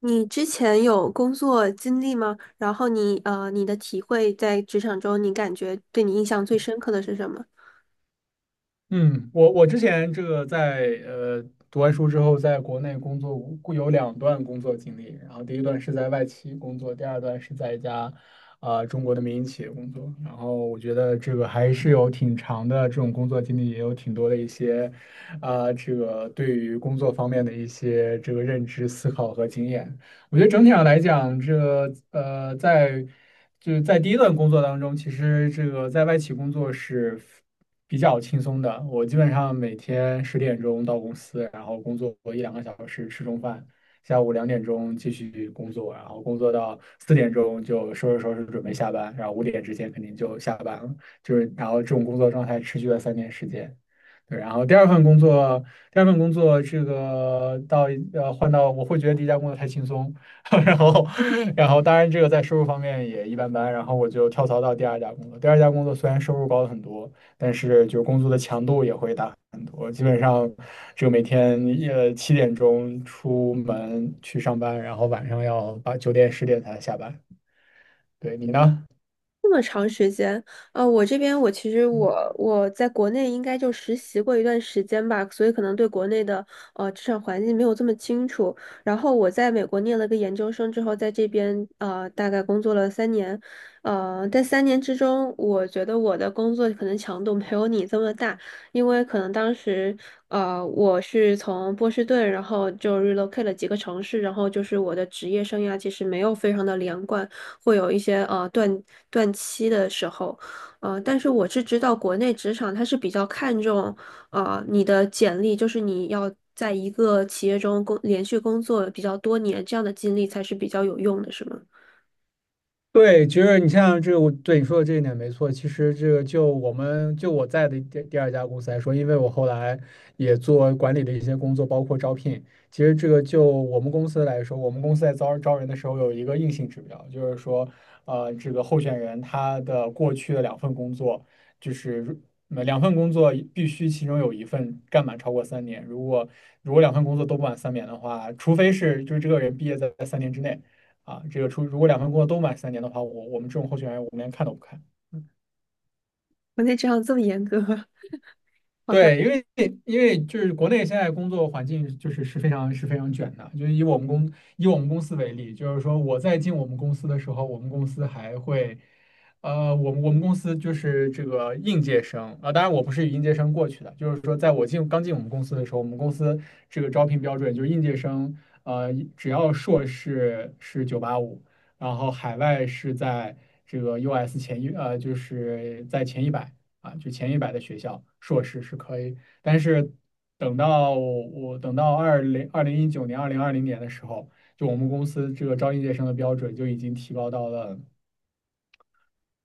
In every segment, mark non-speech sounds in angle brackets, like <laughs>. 你之前有工作经历吗？然后你你的体会在职场中，你感觉对你印象最深刻的是什么？嗯，我之前这个在读完书之后，在国内工作过有2段工作经历，然后第一段是在外企工作，第二段是在一家中国的民营企业工作。然后我觉得这个还是有挺长的这种工作经历，也有挺多的一些这个对于工作方面的一些这个认知、思考和经验。我觉得整体上来讲，这个就是在第一段工作当中，其实这个在外企工作是比较轻松的。我基本上每天10点钟到公司，然后工作一两个小时，吃中饭，下午2点钟继续工作，然后工作到4点钟就收拾收拾准备下班，然后5点之前肯定就下班了。就是然后这种工作状态持续了三年时间。对，然后第二份工作，这个到呃换到我会觉得第一家工作太轻松，<laughs> 然后，然后当然这个在收入方面也一般般，然后我就跳槽到第二家工作。第二家工作虽然收入高了很多，但是就工作的强度也会大很多。基本上，就每天7点钟出门去上班，然后晚上要8、9点10点才下班。对你呢？这么长时间，我这边我其实我在国内应该就实习过一段时间吧，所以可能对国内的职场环境没有这么清楚。然后我在美国念了个研究生之后，在这边大概工作了三年，在三年之中，我觉得我的工作可能强度没有你这么大，因为可能当时我是从波士顿，然后就 relocate 了几个城市，然后就是我的职业生涯其实没有非常的连贯。会有一些断期的时候，但是我是知道国内职场它是比较看重你的简历，就是你要在一个企业中连续工作比较多年，这样的经历才是比较有用的，是吗？对，其实你像这个，我对你说的这一点没错。其实这个就我们就我在的第二家公司来说，因为我后来也做管理的一些工作，包括招聘。其实这个就我们公司来说，我们公司在招人的时候有一个硬性指标，就是说，这个候选人他的过去的两份工作，就是如嗯两份工作必须其中有一份干满超过三年。如果两份工作都不满三年的话，除非是就是这个人毕业在三年之内。啊，这个出如果两份工作都满三年的话，我们这种候选人我们连看都不看。国内职场这么严格。对，因为就是国内现在工作环境就是非常卷的，就是以我们公司为例，就是说我在进我们公司的时候，我们公司还会，我们公司就是这个应届生啊，当然我不是以应届生过去的，就是说在刚进我们公司的时候，我们公司这个招聘标准就是应届生，只要硕士是九八五，然后海外是在这个 US 就是在前一百。就前一百的学校硕士是可以，但是等到二零二零2019年、2020年的时候，就我们公司这个招应届生的标准就已经提高到了。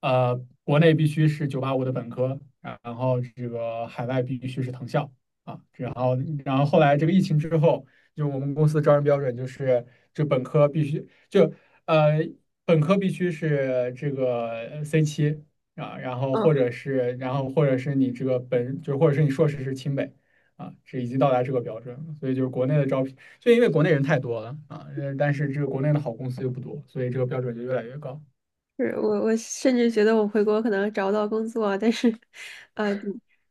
呃，国内必须是九八五的本科，然后这个海外必须是藤校然后后来这个疫情之后，就我们公司招人标准就是就本科必须就呃本科必须是这个 C7<laughs> 然后或者是你这个本就或者是你硕士是清北。这已经到达这个标准了，所以就是国内的招聘，就因为国内人太多了啊，但是这个国内的好公司又不多，所以这个标准就越来越高。是我，我甚至觉得我回国可能找不到工作啊，但是，呃，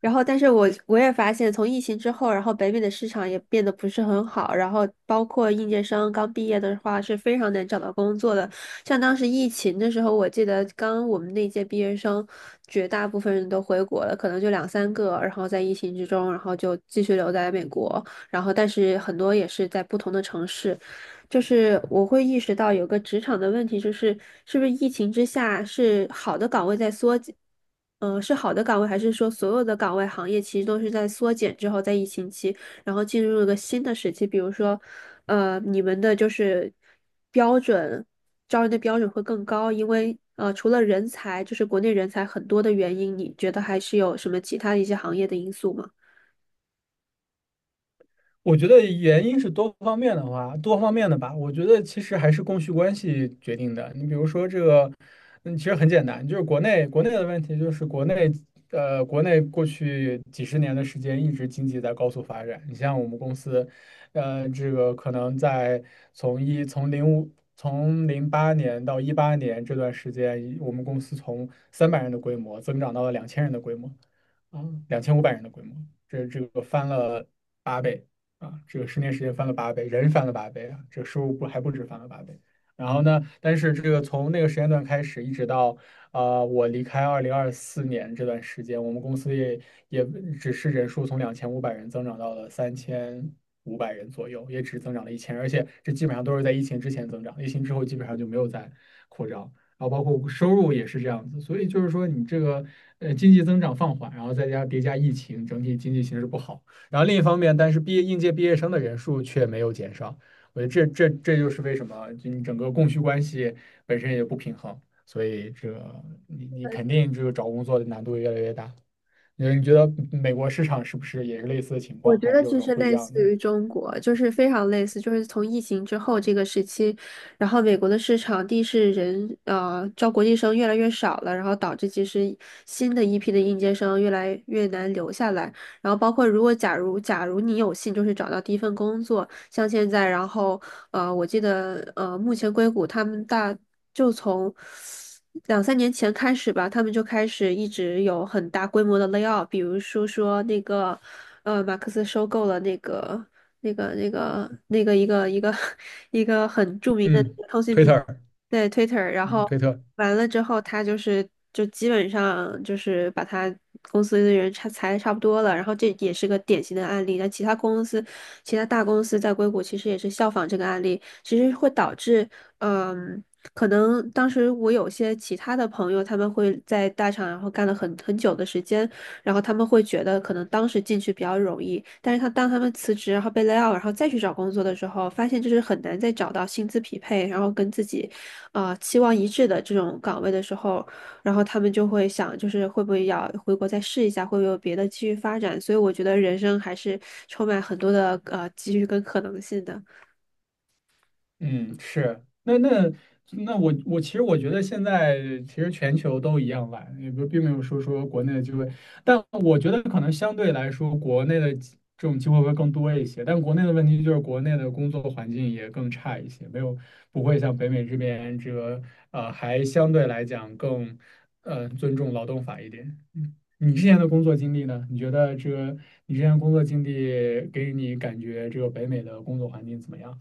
然后，但是我也发现，从疫情之后，然后北美的市场也变得不是很好，然后包括应届生刚毕业的话是非常难找到工作的。像当时疫情的时候，我记得刚我们那届毕业生，绝大部分人都回国了，可能就2、3个，然后在疫情之中，然后就继续留在美国，然后但是很多也是在不同的城市。就是我会意识到有个职场的问题，就是是不是疫情之下是好的岗位在缩减，嗯，是好的岗位，还是说所有的岗位行业其实都是在缩减之后，在疫情期，然后进入了个新的时期？比如说，你们的就是标准，招人的标准会更高，因为除了人才，就是国内人才很多的原因，你觉得还是有什么其他的一些行业的因素吗？我觉得原因是多方面的话，多方面的吧。我觉得其实还是供需关系决定的。你比如说这个，其实很简单，就是国内的问题，就是国内过去几十年的时间一直经济在高速发展。你像我们公司，这个可能在从一从零五从08年到18年这段时间，我们公司从300人的规模增长到了2000人的规模。两千五百人的规模，这个翻了八倍。这个十年时间翻了八倍，人翻了八倍啊，这个收入不还不止翻了八倍。然后呢，但是这个从那个时间段开始，一直到我离开2024年这段时间，我们公司也也只是人数从两千五百人增长到了3500人左右，也只增长了1000，而且这基本上都是在疫情之前增长，疫情之后基本上就没有再扩张。然后包括收入也是这样子，所以就是说你这个经济增长放缓，然后叠加疫情，整体经济形势不好。然后另一方面，但是应届毕业生的人数却没有减少。我觉得这就是为什么，就你整个供需关系本身也不平衡，所以这个你肯定这个找工作的难度越来越大。你觉得美国市场是不是也是类似的情我况，觉还得是有什其么实不一类似样的？于中国，就是非常类似，就是从疫情之后这个时期，然后美国的市场地是人招国际生越来越少了，然后导致其实新的一批的应届生越来越难留下来，然后包括如果假如你有幸就是找到第一份工作，像现在，然后我记得目前硅谷他们大就从2、3年前开始吧，他们就开始一直有很大规模的 layoff，比如说那个马克思收购了那个一个 <laughs> 一个很著名的嗯，通讯推平特儿，台，对 Twitter，然嗯，后。推特。完了之后，他就是就基本上就是把他公司的人差裁的差不多了，然后这也是个典型的案例。那其他公司、其他大公司在硅谷其实也是效仿这个案例，其实会导致，嗯，可能当时我有些其他的朋友，他们会在大厂然后干了很久的时间，然后他们会觉得可能当时进去比较容易，但是当他们辞职然后被 lay out，然后再去找工作的时候，发现就是很难再找到薪资匹配，然后跟自己。啊，期望一致的这种岗位的时候，然后他们就会想，就是会不会要回国再试一下，会不会有别的继续发展？所以我觉得人生还是充满很多的机遇跟可能性的。嗯，是，那我其实我觉得现在其实全球都一样懒，也不并没有说国内的机会，但我觉得可能相对来说国内的这种机会会更多一些，但国内的问题就是国内的工作环境也更差一些，没有不会像北美这边这个还相对来讲更尊重劳动法一点。嗯，你之前的工作经历呢？你觉得这个你之前的工作经历给你感觉这个北美的工作环境怎么样？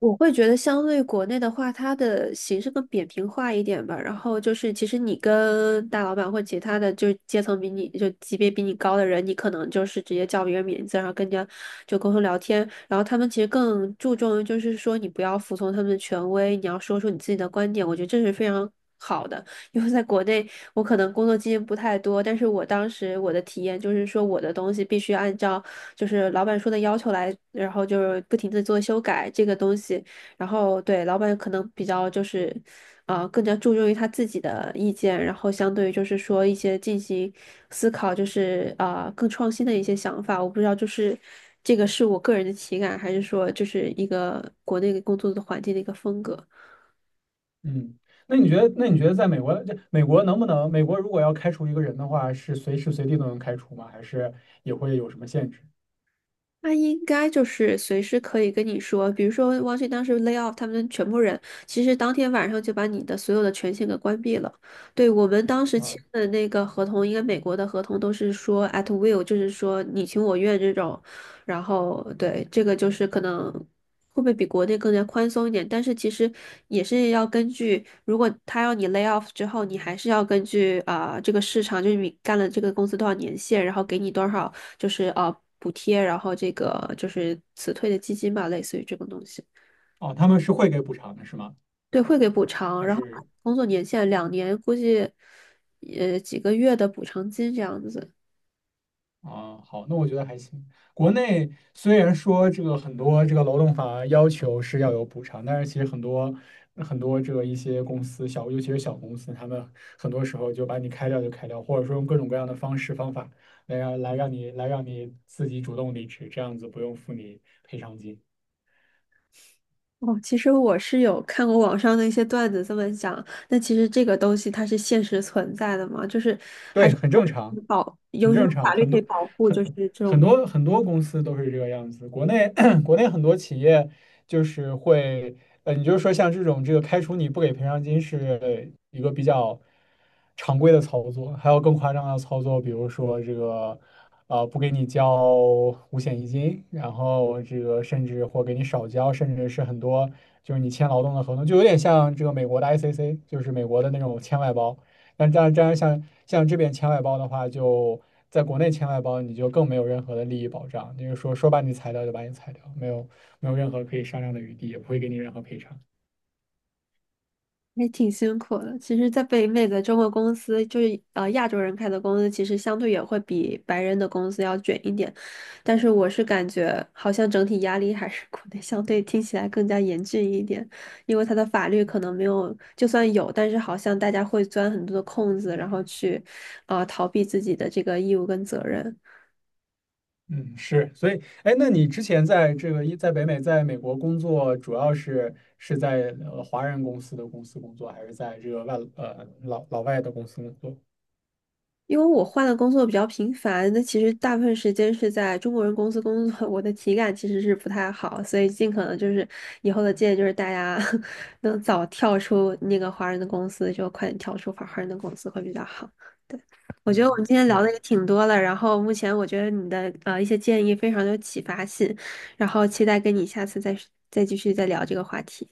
我会觉得相对国内的话，它的形式更扁平化一点吧。然后就是，其实你跟大老板或其他的就是阶层比你就级别比你高的人，你可能就是直接叫别人名字，然后跟人家就沟通聊天。然后他们其实更注重于就是说你不要服从他们的权威，你要说出你自己的观点。我觉得这是非常好的。因为在国内我可能工作经验不太多，但是我当时我的体验就是说，我的东西必须按照就是老板说的要求来，然后就是不停的做修改这个东西，然后对老板可能比较就是，更加注重于他自己的意见，然后相对于就是说一些进行思考，就是啊、更创新的一些想法，我不知道就是。这个是我个人的体感，还是说就是一个国内工作的环境的一个风格？嗯，那你觉得在美国，这美国能不能，美国如果要开除一个人的话，是随时随地都能开除吗？还是也会有什么限制那应该就是随时可以跟你说，比如说汪迅当时 lay off 他们全部人，其实当天晚上就把你的所有的权限给关闭了。对，我们当时啊？签的那个合同，应该美国的合同都是说 at will，就是说你情我愿这种。然后对，这个就是可能会不会比国内更加宽松一点，但是其实也是要根据，如果他要你 lay off 之后，你还是要根据啊、这个市场，就是你干了这个公司多少年限，然后给你多少。就是补贴，然后这个就是辞退的基金吧，类似于这种东西。哦，他们是会给补偿的，是吗？对，会给补偿，还然后是？工作年限2年，估计几个月的补偿金这样子。啊，好，那我觉得还行。国内虽然说这个很多这个劳动法要求是要有补偿，但是其实很多这个一些公司小，尤其是小公司，他们很多时候就把你开掉就开掉，或者说用各种各样的方式方法来让你自己主动离职，这样子不用付你赔偿金。哦，其实我是有看过网上的一些段子这么讲，那其实这个东西它是现实存在的嘛，就是还对，是很说正常。保很有什正么常，法律可以保护，就很是这种很多公司都是这个样子。国内 <clears throat> 国内很多企业就是会，你就是说像这种这个开除你不给赔偿金是一个比较常规的操作，还有更夸张的操作，比如说这个不给你交五险一金，然后这个甚至或给你少交，甚至是很多就是你签劳动的合同，就有点像这个美国的 ICC，就是美国的那种签外包。那这样像这边签外包的话，就在国内签外包，你就更没有任何的利益保障，就是说把你裁掉就把你裁掉，没有任何可以商量的余地，也不会给你任何赔偿。也挺辛苦的。其实，在北美的中国公司，就是亚洲人开的公司，其实相对也会比白人的公司要卷一点。但是，我是感觉好像整体压力还是国内相对听起来更加严峻一点，因为它的法律可能没有，就算有，但是好像大家会钻很多的空子，然后去逃避自己的这个义务跟责任。嗯，是，所以，哎，那你之前在这个一在北美，在美国工作，主要是在华人公司工作，还是在这个老外的公司工作？因为我换的工作比较频繁，那其实大部分时间是在中国人公司工作，<laughs> 我的体感其实是不太好，所以尽可能就是以后的建议就是大家 <laughs> 能早跳出那个华人的公司，就快点跳出华人的公司会比较好。我觉得我们嗯，今天聊的行。也挺多了，然后目前我觉得你的一些建议非常有启发性，然后期待跟你下次再继续聊这个话题。